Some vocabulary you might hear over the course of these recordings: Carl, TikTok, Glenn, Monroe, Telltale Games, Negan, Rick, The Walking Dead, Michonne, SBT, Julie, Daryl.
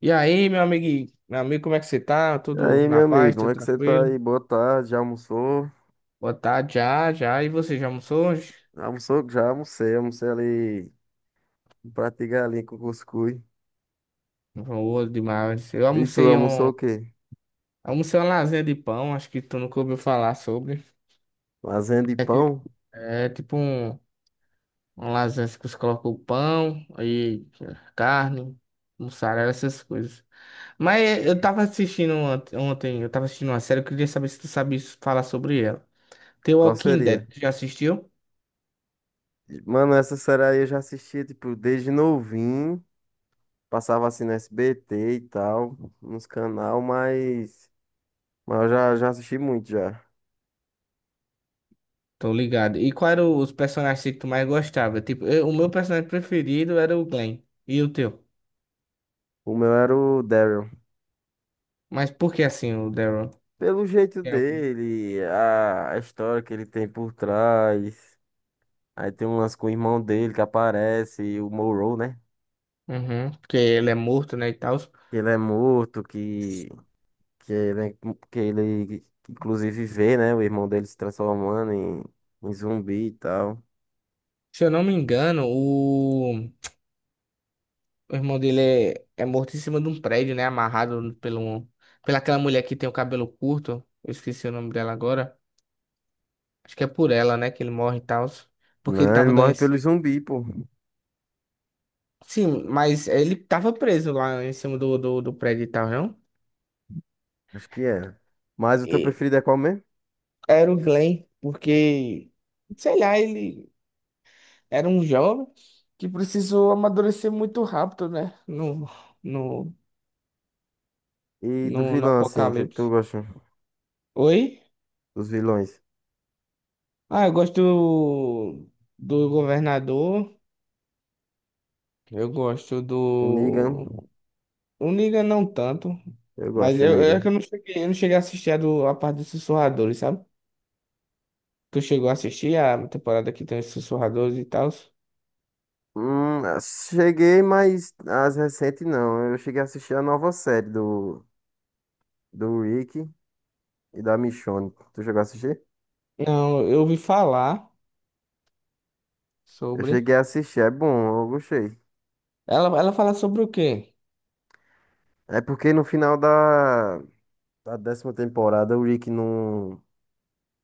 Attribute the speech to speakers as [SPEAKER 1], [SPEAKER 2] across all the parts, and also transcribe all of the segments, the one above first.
[SPEAKER 1] E aí, meu amigo, como é que você tá?
[SPEAKER 2] E
[SPEAKER 1] Tudo
[SPEAKER 2] aí,
[SPEAKER 1] na
[SPEAKER 2] meu
[SPEAKER 1] paz,
[SPEAKER 2] amigo, como
[SPEAKER 1] tudo
[SPEAKER 2] é que você tá
[SPEAKER 1] tranquilo?
[SPEAKER 2] aí? Boa tarde, já almoçou?
[SPEAKER 1] Boa tarde, já. E você já almoçou hoje?
[SPEAKER 2] Almoçou? Já almocei, almocei ali um prato de galinha com cuscuz.
[SPEAKER 1] Boa demais.
[SPEAKER 2] E tu almoçou o quê?
[SPEAKER 1] Almocei uma lasanha de pão, acho que tu nunca ouviu falar sobre.
[SPEAKER 2] Lasanha de
[SPEAKER 1] É, ti-
[SPEAKER 2] pão?
[SPEAKER 1] É tipo uma lasanha assim que você coloca o pão e carne, mussarela, essas coisas. Mas eu tava assistindo ontem, eu tava assistindo uma série, eu queria saber se tu sabe falar sobre ela. The
[SPEAKER 2] Qual
[SPEAKER 1] Walking Dead,
[SPEAKER 2] seria?
[SPEAKER 1] tu já assistiu?
[SPEAKER 2] Mano, essa série aí eu já assistia, tipo, desde novinho. Passava assim no SBT e tal, nos canal, mas... Mas eu já, assisti muito, já.
[SPEAKER 1] Tô ligado. E qual eram os personagens que tu mais gostava? Tipo, o meu personagem preferido era o Glenn. E o teu?
[SPEAKER 2] O meu era o Daryl.
[SPEAKER 1] Mas por que assim o Daryl?
[SPEAKER 2] Pelo jeito
[SPEAKER 1] Tem algum?
[SPEAKER 2] dele, a história que ele tem por trás... Aí tem umas com o irmão dele que aparece, o Monroe, né?
[SPEAKER 1] Uhum, porque ele é morto, né, e tal.
[SPEAKER 2] Que ele é morto, que ele, é, que ele inclusive vê, né? O irmão dele se transformando em, em zumbi e tal.
[SPEAKER 1] Se eu não me engano, o irmão dele é morto em cima de um prédio, né, amarrado pela aquela mulher que tem o cabelo curto. Eu esqueci o nome dela agora. Acho que é por ela, né, que ele morre e tal. Porque ele
[SPEAKER 2] Não, ele
[SPEAKER 1] tava dando
[SPEAKER 2] morre pelo
[SPEAKER 1] esse...
[SPEAKER 2] zumbi, pô.
[SPEAKER 1] Sim, mas ele tava preso lá em cima do prédio e tal, não?
[SPEAKER 2] Acho que é. Mas o teu preferido é qual mesmo?
[SPEAKER 1] Era o Glenn, porque, sei lá, ele era um jovem que precisou amadurecer muito rápido, né? No, no,
[SPEAKER 2] E do
[SPEAKER 1] no
[SPEAKER 2] vilão, assim, o que é que tu
[SPEAKER 1] Apocalipse.
[SPEAKER 2] gosta
[SPEAKER 1] Oi?
[SPEAKER 2] dos vilões?
[SPEAKER 1] Ah, do governador, eu gosto
[SPEAKER 2] O Negan,
[SPEAKER 1] do. O Negan não tanto,
[SPEAKER 2] eu
[SPEAKER 1] mas
[SPEAKER 2] gosto do
[SPEAKER 1] é que
[SPEAKER 2] Negan.
[SPEAKER 1] eu não cheguei a assistir a parte dos sussurradores, sabe? Tu chegou a assistir a temporada que tem os sussurradores e tal?
[SPEAKER 2] Cheguei, mas as recentes não. Eu cheguei a assistir a nova série do, do Rick e da Michonne. Tu chegou a assistir?
[SPEAKER 1] Não, eu ouvi falar
[SPEAKER 2] Eu
[SPEAKER 1] sobre.
[SPEAKER 2] cheguei a assistir, é bom, eu gostei.
[SPEAKER 1] Ela fala sobre o quê?
[SPEAKER 2] É porque no final da, da décima temporada o Rick não,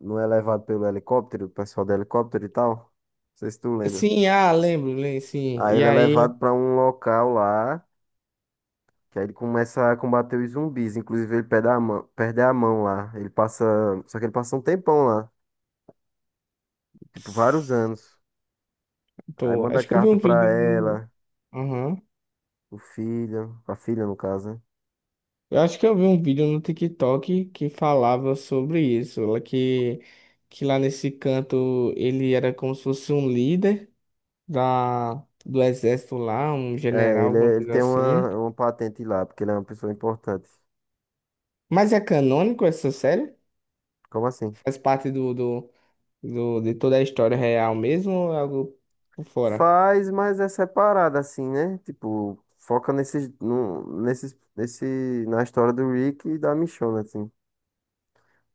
[SPEAKER 2] não é levado pelo helicóptero, o pessoal do helicóptero e tal. Não sei se tu lembra.
[SPEAKER 1] Sim, ah, lembro sim.
[SPEAKER 2] Aí
[SPEAKER 1] E
[SPEAKER 2] ele é
[SPEAKER 1] aí,
[SPEAKER 2] levado pra um local lá, que aí ele começa a combater os zumbis. Inclusive ele perde a mão lá. Ele passa, só que ele passa um tempão lá, tipo vários anos. Aí
[SPEAKER 1] pô,
[SPEAKER 2] manda
[SPEAKER 1] acho que eu vi
[SPEAKER 2] carta
[SPEAKER 1] um
[SPEAKER 2] pra
[SPEAKER 1] vídeo no.
[SPEAKER 2] ela,
[SPEAKER 1] Aham.
[SPEAKER 2] o filho, a filha no caso, né?
[SPEAKER 1] Eu acho que eu vi um vídeo no TikTok que falava sobre isso, lá que lá nesse canto ele era como se fosse um líder da, do exército lá, um
[SPEAKER 2] É,
[SPEAKER 1] general,
[SPEAKER 2] ele,
[SPEAKER 1] alguma
[SPEAKER 2] ele
[SPEAKER 1] coisa
[SPEAKER 2] tem
[SPEAKER 1] assim.
[SPEAKER 2] uma patente lá, porque ele é uma pessoa importante.
[SPEAKER 1] Mas é canônico essa série?
[SPEAKER 2] Como assim?
[SPEAKER 1] Faz parte de toda a história real mesmo ou é algo por fora?
[SPEAKER 2] Faz, mas é separado, assim, né? Tipo, foca nesses, no, nesses, nesse, na história do Rick e da Michonne, assim.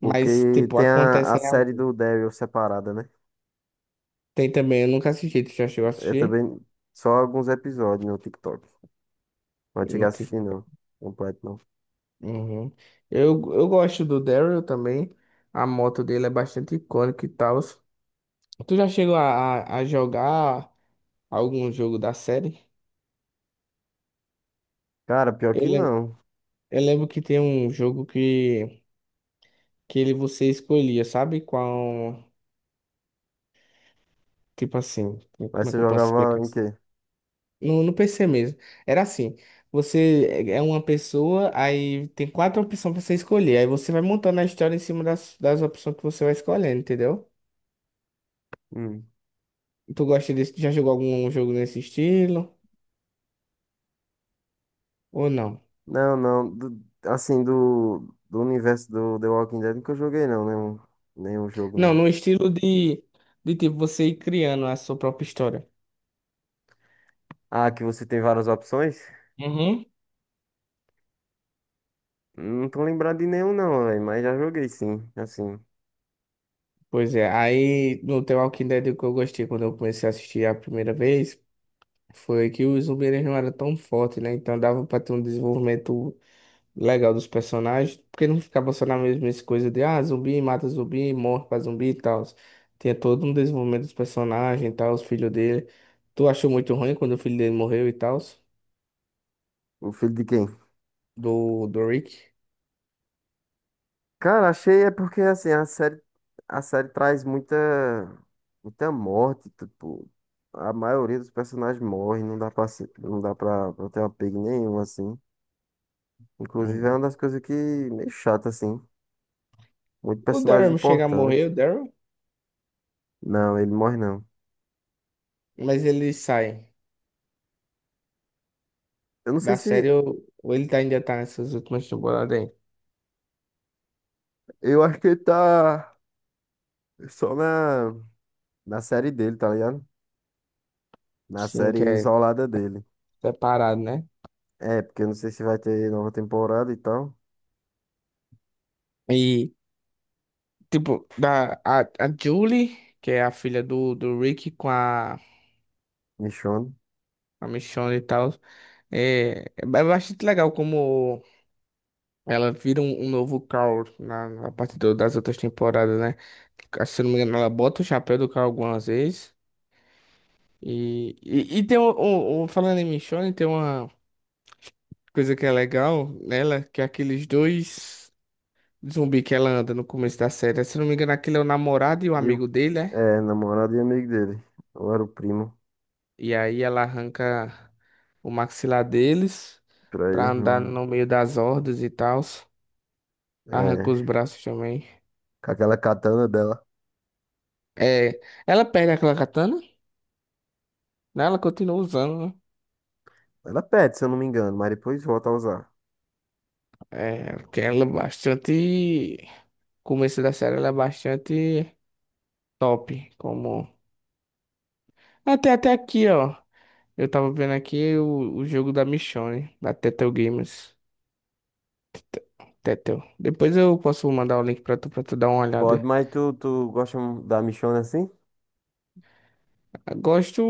[SPEAKER 1] Mas, tipo,
[SPEAKER 2] tem a
[SPEAKER 1] acontece em.
[SPEAKER 2] série do Daryl separada, né?
[SPEAKER 1] Tem também, eu nunca assisti. Tu já chegou a
[SPEAKER 2] É
[SPEAKER 1] assistir?
[SPEAKER 2] também só alguns episódios no TikTok. Não cheguei
[SPEAKER 1] Não
[SPEAKER 2] a
[SPEAKER 1] tem.
[SPEAKER 2] assistir, não. Completo, não.
[SPEAKER 1] Uhum. Eu gosto do Daryl também. A moto dele é bastante icônica e tal. Tu já chegou a jogar algum jogo da série?
[SPEAKER 2] Cara, pior
[SPEAKER 1] Eu,
[SPEAKER 2] que
[SPEAKER 1] lem-
[SPEAKER 2] não.
[SPEAKER 1] eu lembro que tem um jogo que ele você escolhia, sabe? Qual. Tipo assim,
[SPEAKER 2] Mas
[SPEAKER 1] como é
[SPEAKER 2] você
[SPEAKER 1] que eu posso
[SPEAKER 2] jogava
[SPEAKER 1] explicar?
[SPEAKER 2] em quê?
[SPEAKER 1] No PC mesmo. Era assim, você é uma pessoa, aí tem quatro opções pra você escolher. Aí você vai montando a história em cima das opções que você vai escolhendo, entendeu?
[SPEAKER 2] Hum.
[SPEAKER 1] Tu gosta desse, já jogou algum jogo nesse estilo? Ou não?
[SPEAKER 2] Não, não. Assim, do, do universo do The Walking Dead nunca joguei, não. Nenhum, nenhum jogo,
[SPEAKER 1] Não,
[SPEAKER 2] não.
[SPEAKER 1] no estilo de tipo, você ir criando a sua própria história.
[SPEAKER 2] Ah, que você tem várias opções?
[SPEAKER 1] Uhum.
[SPEAKER 2] Não tô lembrado de nenhum, não, velho. Mas já joguei sim, assim.
[SPEAKER 1] Pois é, aí no The Walking Dead o que eu gostei quando eu comecei a assistir a primeira vez foi que os zumbis eles não eram tão fortes, né? Então dava pra ter um desenvolvimento legal dos personagens, porque não ficava só na mesma coisa de ah, zumbi mata zumbi, morre pra zumbi e tal. Tinha todo um desenvolvimento dos personagens e tal, os filhos dele. Tu achou muito ruim quando o filho dele morreu e tal,
[SPEAKER 2] O filho de quem?
[SPEAKER 1] do Rick?
[SPEAKER 2] Cara, achei é porque assim, a série traz muita, muita morte, tipo, a maioria dos personagens morre, não dá pra, não dá pra, pra ter apego nenhum, assim. Inclusive é uma
[SPEAKER 1] Uhum.
[SPEAKER 2] das coisas que meio chata, assim. Muito
[SPEAKER 1] O
[SPEAKER 2] personagem
[SPEAKER 1] Daryl chega a morrer,
[SPEAKER 2] importante.
[SPEAKER 1] o Daryl,
[SPEAKER 2] Não, ele morre não.
[SPEAKER 1] mas ele sai
[SPEAKER 2] Eu não sei
[SPEAKER 1] da série,
[SPEAKER 2] se.
[SPEAKER 1] ou ele tá, ainda tá nessas últimas temporadas aí.
[SPEAKER 2] Eu acho que ele tá só na, na série dele, tá ligado? Na
[SPEAKER 1] Sim,
[SPEAKER 2] série
[SPEAKER 1] que é
[SPEAKER 2] isolada dele.
[SPEAKER 1] separado, né?
[SPEAKER 2] É, porque eu não sei se vai ter nova temporada e tal.
[SPEAKER 1] E, tipo, a Julie, que é a filha do Rick com
[SPEAKER 2] Michonne.
[SPEAKER 1] a Michonne e tal. É, é bastante legal como ela vira um novo Carl na parte do- das outras temporadas, né? Se eu não me engano, ela bota o chapéu do Carl algumas vezes. E tem falando em Michonne, tem uma coisa que é legal nela, que é aqueles dois zumbi que ela anda no começo da série. Se eu não me engano, aquele é o namorado e o
[SPEAKER 2] E o
[SPEAKER 1] amigo dele, né?
[SPEAKER 2] é, namorado e amigo dele. Ou era o primo
[SPEAKER 1] E aí ela arranca o maxilar deles
[SPEAKER 2] pra ele.
[SPEAKER 1] pra andar
[SPEAKER 2] Hum.
[SPEAKER 1] no meio das hordas e tal. Arranca
[SPEAKER 2] É,
[SPEAKER 1] os braços também.
[SPEAKER 2] com aquela katana dela.
[SPEAKER 1] É, ela perde aquela katana, né? Ela continua usando, né?
[SPEAKER 2] Ela perde, se eu não me engano, mas depois volta a usar.
[SPEAKER 1] É, porque ela é bastante. Começo da série, ela é bastante top. Como. Até, até aqui, ó. Eu tava vendo aqui o jogo da Michonne, da Telltale Games. Tete- Telltale. Depois eu posso mandar o link pra tu dar uma
[SPEAKER 2] Pode,
[SPEAKER 1] olhada.
[SPEAKER 2] mas tu, tu gosta da Michonne assim?
[SPEAKER 1] Eu gosto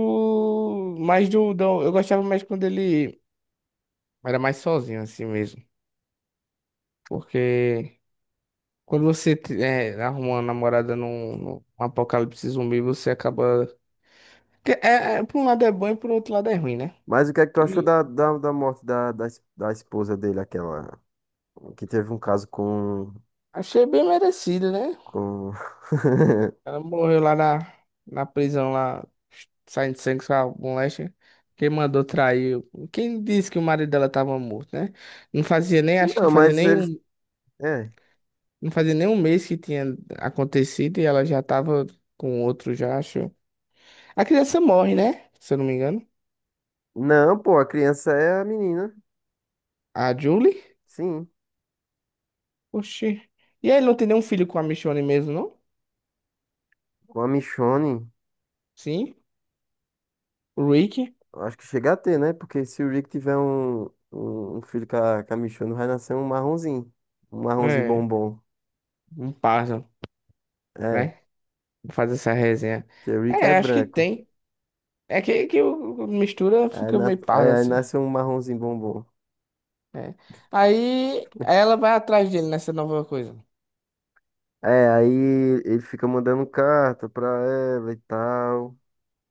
[SPEAKER 1] mais do, do. Eu gostava mais quando ele era mais sozinho, assim mesmo. Porque. Quando você arruma uma namorada num apocalipse zumbi, você acaba. Por um lado é bom e por outro lado é ruim, né?
[SPEAKER 2] Mas o que é que tu achou
[SPEAKER 1] E
[SPEAKER 2] da, da, da morte da, da, da esposa dele, aquela que teve um caso
[SPEAKER 1] achei bem merecido, né?
[SPEAKER 2] com...
[SPEAKER 1] Ela morreu lá na, na prisão, lá, saindo de sangue com a moléstia. Quem mandou trair? Quem disse que o marido dela tava morto, né? Não fazia nem, acho que não
[SPEAKER 2] Não,
[SPEAKER 1] fazia
[SPEAKER 2] mas
[SPEAKER 1] nem
[SPEAKER 2] eles...
[SPEAKER 1] um,
[SPEAKER 2] É.
[SPEAKER 1] não fazia nem um mês que tinha acontecido e ela já tava com outro, já acho. A criança morre, né? Se eu não me engano.
[SPEAKER 2] Não, pô, a criança é a menina.
[SPEAKER 1] A Julie.
[SPEAKER 2] Sim,
[SPEAKER 1] Oxi. E aí, ele não tem nenhum filho com a Michonne mesmo, não?
[SPEAKER 2] com a Michonne.
[SPEAKER 1] Sim. O Rick?
[SPEAKER 2] Eu acho que chega a ter, né? Porque se o Rick tiver um, um, um filho com a Michonne, vai nascer um marronzinho. Um marronzinho
[SPEAKER 1] É,
[SPEAKER 2] bombom.
[SPEAKER 1] um pássaro,
[SPEAKER 2] É,
[SPEAKER 1] né? Faz essa resenha.
[SPEAKER 2] porque o Rick é
[SPEAKER 1] É, acho que
[SPEAKER 2] branco.
[SPEAKER 1] tem. É que o mistura
[SPEAKER 2] Aí,
[SPEAKER 1] fica
[SPEAKER 2] nas,
[SPEAKER 1] meio pardo
[SPEAKER 2] é, aí
[SPEAKER 1] assim.
[SPEAKER 2] nasce um marronzinho bombom.
[SPEAKER 1] É. Aí ela vai atrás dele nessa nova coisa.
[SPEAKER 2] É, aí ele fica mandando carta pra ela e tal.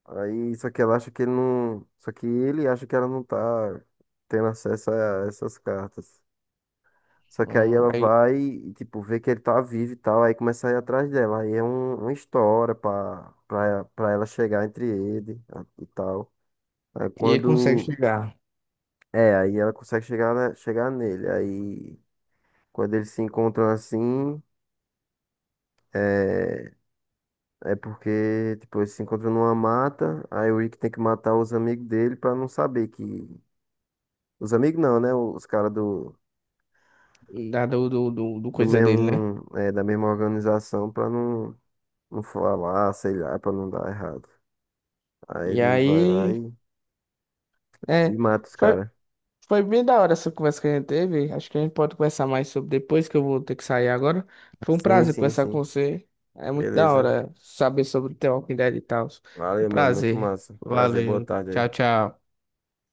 [SPEAKER 2] Aí, só que ela acha que ele não. Só que ele acha que ela não tá tendo acesso a essas cartas. Só que aí ela
[SPEAKER 1] Aí-
[SPEAKER 2] vai, e, tipo, vê que ele tá vivo e tal, aí começa a ir atrás dela. Aí é um, uma história pra, pra, pra ela chegar entre ele e tal. Aí
[SPEAKER 1] e ele consegue
[SPEAKER 2] quando.
[SPEAKER 1] chegar.
[SPEAKER 2] É, aí ela consegue chegar, chegar nele. Aí quando eles se encontram assim, é, é porque, tipo, eles se encontram numa mata. Aí o Rick tem que matar os amigos dele pra não saber que. Os amigos não, né? Os caras do,
[SPEAKER 1] Da, do, do, do, do
[SPEAKER 2] do
[SPEAKER 1] coisa dele, né?
[SPEAKER 2] mesmo, é, da mesma organização pra não. Não falar, sei lá, pra não dar errado. Aí
[SPEAKER 1] E
[SPEAKER 2] ele vai lá
[SPEAKER 1] aí. É.
[SPEAKER 2] e mata os caras.
[SPEAKER 1] Foi bem da hora essa conversa que a gente teve. Acho que a gente pode conversar mais sobre depois, que eu vou ter que sair agora. Foi um
[SPEAKER 2] Sim,
[SPEAKER 1] prazer
[SPEAKER 2] sim,
[SPEAKER 1] conversar com
[SPEAKER 2] sim.
[SPEAKER 1] você. É muito da
[SPEAKER 2] Beleza.
[SPEAKER 1] hora saber sobre o The Walking Dead e tal. Um
[SPEAKER 2] Valeu, mano. Muito
[SPEAKER 1] prazer.
[SPEAKER 2] massa. Prazer, boa
[SPEAKER 1] Valeu.
[SPEAKER 2] tarde
[SPEAKER 1] Tchau,
[SPEAKER 2] aí.
[SPEAKER 1] tchau.